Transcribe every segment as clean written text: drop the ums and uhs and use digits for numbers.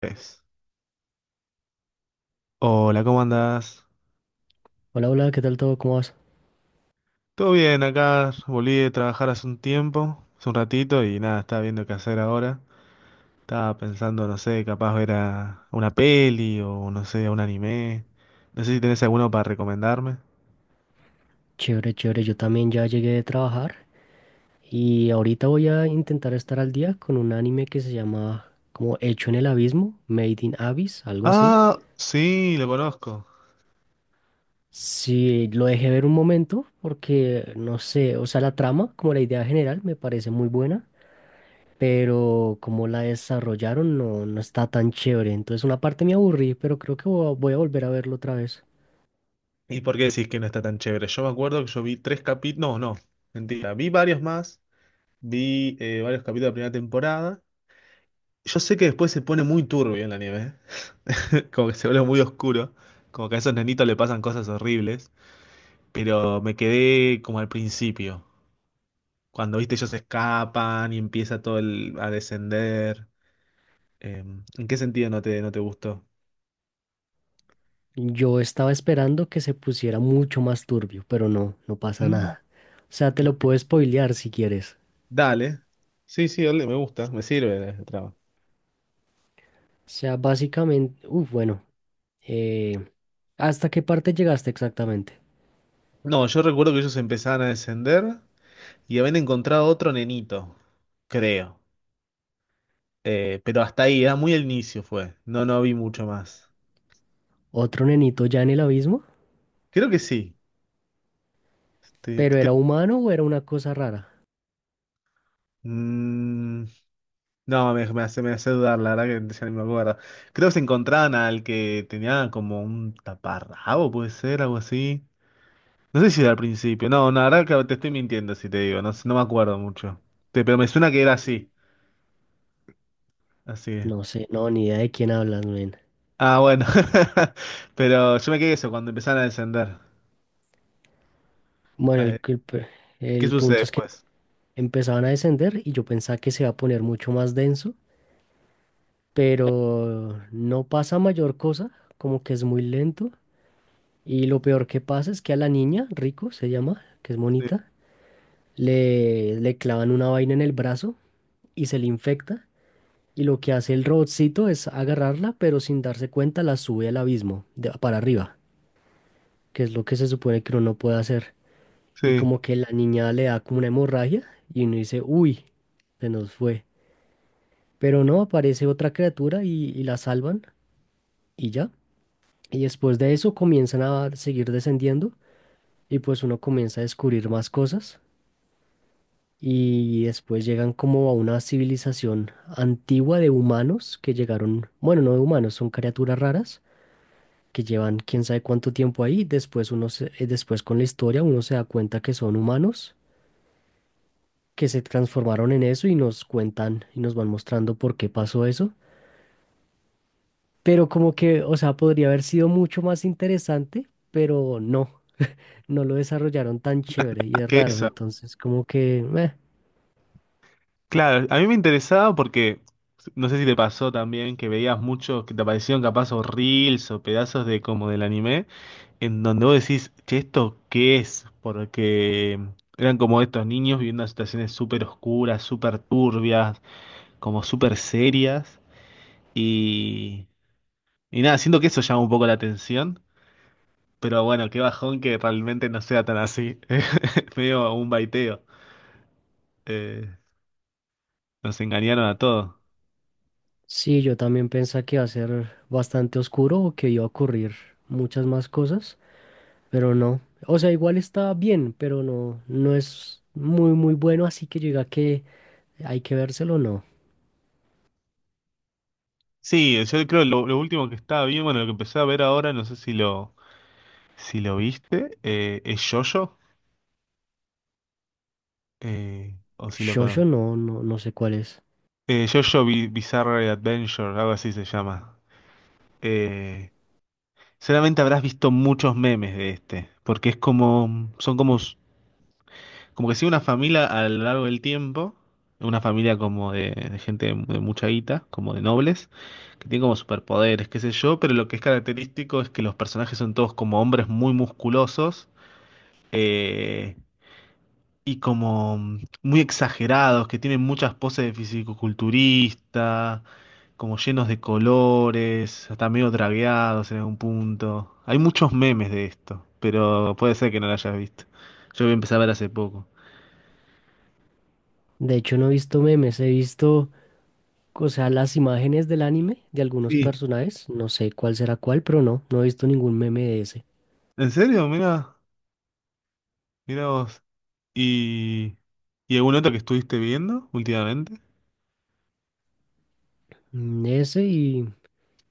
Tres. Hola, ¿cómo andás? Hola, hola, ¿qué tal todo? ¿Cómo vas? Todo bien, acá volví de trabajar hace un tiempo, hace un ratito, y nada, estaba viendo qué hacer ahora. Estaba pensando, no sé, capaz ver a una peli o no sé, a un anime. No sé si tenés alguno para recomendarme. Chévere, chévere. Yo también ya llegué de trabajar y ahorita voy a intentar estar al día con un anime que se llama como Hecho en el Abismo, Made in Abyss, algo así. Ah, sí, lo conozco. Sí, lo dejé ver un momento porque no sé, o sea, la trama, como la idea general, me parece muy buena, pero como la desarrollaron no, no está tan chévere. Entonces, una parte me aburrí, pero creo que voy a volver a verlo otra vez. ¿Y por qué decís que no está tan chévere? Yo me acuerdo que yo vi tres capítulos, no, no, mentira, vi varios más, vi varios capítulos de la primera temporada. Yo sé que después se pone muy turbio en la nieve, como que se vuelve muy oscuro, como que a esos nenitos le pasan cosas horribles, pero me quedé como al principio, cuando viste ellos escapan y empieza todo el, a descender. Eh, ¿En qué sentido no te gustó? Yo estaba esperando que se pusiera mucho más turbio, pero no, no pasa Mm. nada. O sea, te lo Ok. puedo spoilear si quieres. Dale. Sí, sí, dale, me gusta, me sirve el trabajo. O sea, básicamente, uff, bueno, eh, ¿hasta qué parte llegaste exactamente? No, yo recuerdo que ellos empezaban a descender y habían encontrado otro nenito, creo. Pero hasta ahí, era muy al inicio fue. No, no vi mucho más. ¿Otro nenito ya en el abismo? Creo que sí. Te- ¿Pero te- era creo- humano o era una cosa rara? Mm, no, me hace dudar, la verdad que ya ni me acuerdo. Creo que se encontraban al que tenía como un taparrabo, puede ser, algo así. No sé si era al principio. No, no, la verdad que te estoy mintiendo si te digo, no, no me acuerdo mucho. Pero me suena que era así. Así es. No sé, no, ni idea de quién hablas, men. Ah, bueno. Pero yo me quedé eso cuando empezaron a descender. Bueno, A el, ver, el pe- ¿qué el sucede punto es que después? empezaban a descender y yo pensaba que se iba a poner mucho más denso, pero no pasa mayor cosa, como que es muy lento. Y lo peor que pasa es que a la niña, Rico se llama, que es Sí. monita le clavan una vaina en el brazo y se le infecta. Y lo que hace el robotcito es agarrarla, pero sin darse cuenta la sube al abismo, para arriba, que es lo que se supone que uno no puede hacer. Y Sí. como que la niña le da como una hemorragia y uno dice, uy, se nos fue. Pero no, aparece otra criatura y la salvan y ya. Y después de eso comienzan a seguir descendiendo y pues uno comienza a descubrir más cosas. Y después llegan como a una civilización antigua de humanos que llegaron, bueno, no de humanos, son criaturas raras que llevan quién sabe cuánto tiempo ahí. Después uno después con la historia uno se da cuenta que son humanos que se transformaron en eso y nos cuentan y nos van mostrando por qué pasó eso. Pero como que, o sea, podría haber sido mucho más interesante, pero no, no lo desarrollaron tan chévere y Ah, es que raro. eso. Entonces, como que, meh. Claro, a mí me interesaba porque no sé si te pasó también que veías muchos que te aparecieron capaz o reels o pedazos de como del anime, en donde vos decís, che, ¿esto qué es? Porque eran como estos niños viviendo en situaciones súper oscuras, súper turbias, como súper serias. Y, y nada, siento que eso llama un poco la atención. Pero bueno, qué bajón que realmente no sea tan así. Es medio un baiteo. Eh, Nos engañaron a todos. Sí, yo también pensé que iba a ser bastante oscuro o que iba a ocurrir muchas más cosas, pero no. O sea, igual está bien, pero no, no es muy, muy bueno, así que llega que hay que vérselo, no. Sí, yo creo lo último que estaba bien, bueno, lo que empecé a ver ahora, no sé si lo, si lo viste, es Jojo, o si lo Shosho conoces. no, no, no sé cuál es. JoJo Bizarre Adventure, algo así se llama. Eh, Seguramente habrás visto muchos memes de este, porque es como, son como, como que sigue una familia a lo largo del tiempo, una familia como de gente de mucha guita, como de nobles, que tiene como superpoderes, qué sé yo, pero lo que es característico es que los personajes son todos como hombres muy musculosos, eh, y como muy exagerados, que tienen muchas poses de fisicoculturista, como llenos de colores, hasta medio dragueados en algún punto. Hay muchos memes de esto, pero puede ser que no lo hayas visto. Yo lo empecé a ver hace poco. De hecho, no he visto memes, he visto, o sea, las imágenes del anime de algunos Sí. personajes, no sé cuál será cuál, pero no, no he visto ningún meme de ese. ¿En serio? Mira, mira vos. ¿Y, y algún otro que estuviste viendo últimamente? Ese y,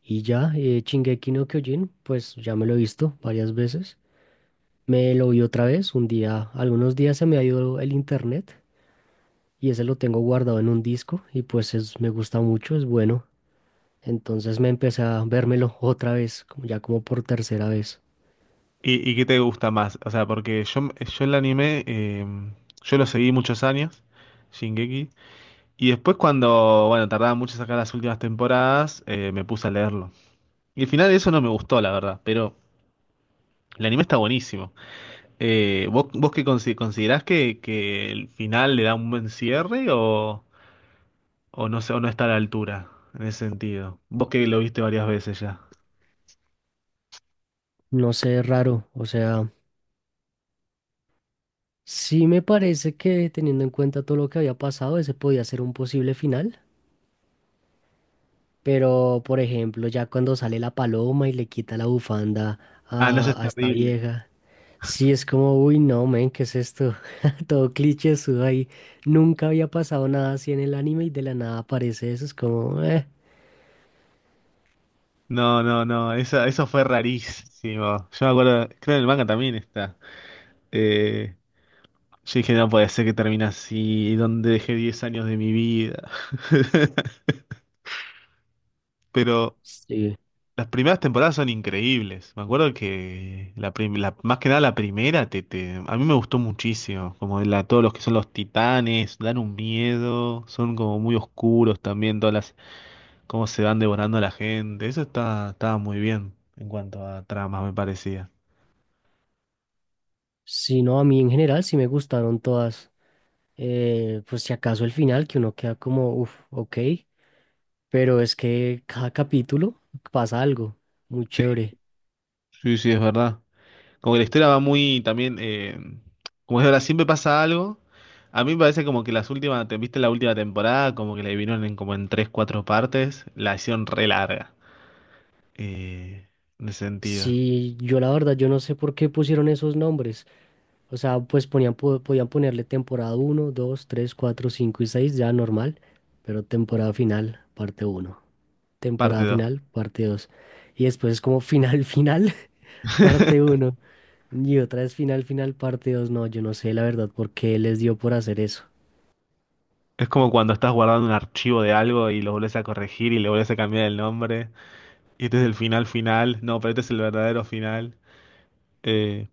y ya, Shingeki no Kyojin, pues ya me lo he visto varias veces. Me lo vi otra vez, un día, algunos días se me ha ido el internet y ese lo tengo guardado en un disco y pues es, me gusta mucho, es bueno. Entonces me empecé a vérmelo otra vez, como ya como por tercera vez. Y qué te gusta más? O sea, porque yo el anime, yo lo seguí muchos años, Shingeki, y después cuando, bueno, tardaba mucho en sacar las últimas temporadas, me puse a leerlo. Y el final de eso no me gustó, la verdad, pero el anime está buenísimo. ¿Vos, vos qué considerás que el final le da un buen cierre o no sé, o no está a la altura en ese sentido? Vos que lo viste varias veces ya. No sé, raro, o sea, sí me parece que teniendo en cuenta todo lo que había pasado, ese podía ser un posible final, pero por ejemplo, ya cuando sale la paloma y le quita la bufanda Ah, no, eso es a esta terrible. vieja. Sí, es como, uy, no, men, ¿qué es esto? Todo cliché ahí. Nunca había pasado nada así en el anime y de la nada aparece eso. Es como. No, no, no, eso fue rarísimo. Yo me acuerdo, creo que en el manga también está. Eh, yo dije, no puede ser que termine así, donde dejé 10 años de mi vida. Pero Sí. las primeras temporadas son increíbles. Me acuerdo que la, más que nada la primera a mí me gustó muchísimo. Como la, todos los que son los titanes, dan un miedo, son como muy oscuros también, todas las, cómo se van devorando a la gente. Estaba muy bien en cuanto a tramas, me parecía. Sí, no, a mí en general sí me gustaron todas. Pues si acaso el final, que uno queda como, uff, ok. Pero es que cada capítulo pasa algo muy Sí, chévere. sí, sí, es verdad. Como que la historia va muy también, como es ahora, siempre pasa algo. A mí me parece como que las últimas, ¿viste la última temporada? Como que la dividieron en como en tres, cuatro partes, la hicieron re larga. Eh, en ese sentido. Sí, yo la verdad, yo no sé por qué pusieron esos nombres. O sea, pues ponían, podían ponerle temporada uno, 2, 3, 4, 5 y 6 ya normal, pero temporada final, parte uno, Parte temporada dos. final, parte dos. Y después es como final, final, parte uno. Y otra vez final, final, parte 2. No, yo no sé la verdad por qué les dio por hacer eso. Es como cuando estás guardando un archivo de algo y lo volvés a corregir y le volvés a cambiar el nombre. Y este es el final final. No, pero este es el verdadero final. Eh,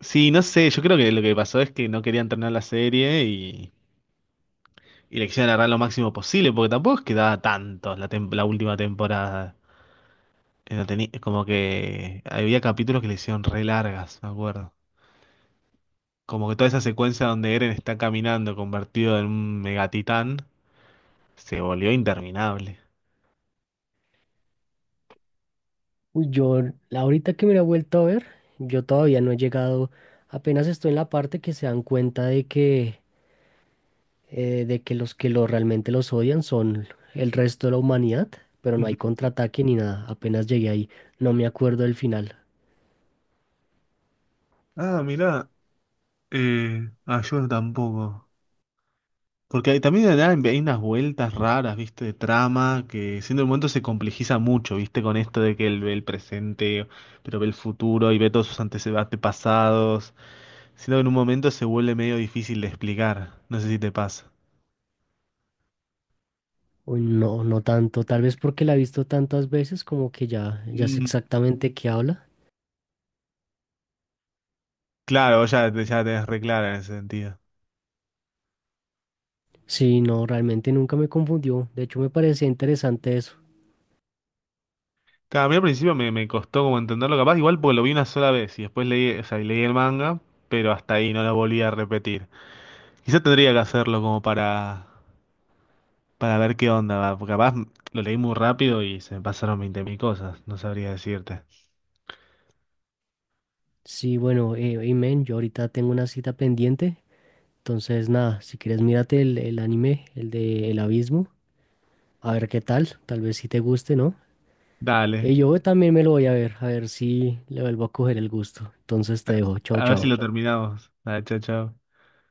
sí, no sé, yo creo que lo que pasó es que no querían terminar la serie y le quisieron agarrar lo máximo posible, porque tampoco es que daba tantos la, la última temporada. No teni- como que había capítulos que le hicieron re largas, me acuerdo. Como que toda esa secuencia donde Eren está caminando convertido en un megatitán se volvió interminable. Uy, yo, ahorita que me la he vuelto a ver, yo todavía no he llegado, apenas estoy en la parte que se dan cuenta de que los que lo, realmente los odian son el resto de la humanidad, pero no Ujú. hay contraataque ni nada. Apenas llegué ahí, no me acuerdo del final. Ah, mirá. Ah, yo tampoco. Porque también de nada hay unas vueltas raras, ¿viste? De trama, que siendo el momento se complejiza mucho, ¿viste? Con esto de que él ve el presente, pero ve el futuro y ve todos sus antecedentes pasados. Siento que en un momento se vuelve medio difícil de explicar. No sé si te pasa. Uy, no, no tanto, tal vez porque la he visto tantas veces como que ya, ya sé Mm, exactamente qué habla. claro, vos ya, ya la tenés re clara en ese sentido. Sí, no, realmente nunca me confundió. De hecho, me parecía interesante eso. Claro, a mí al principio me costó como entenderlo, capaz igual porque lo vi una sola vez y después leí, o sea, y leí el manga, pero hasta ahí no lo volví a repetir. Quizás tendría que hacerlo como para ver qué onda, va, porque capaz lo leí muy rápido y se me pasaron 20.000 cosas, no sabría decirte. Sí, bueno, y men, yo ahorita tengo una cita pendiente. Entonces, nada, si quieres mírate el anime, el de El Abismo, a ver qué tal. Tal vez si te guste, ¿no? Dale, Yo también me lo voy a ver si le vuelvo a coger el gusto. Entonces te dejo. Chao, a ver si lo chao. terminamos. Dale, chao, chao.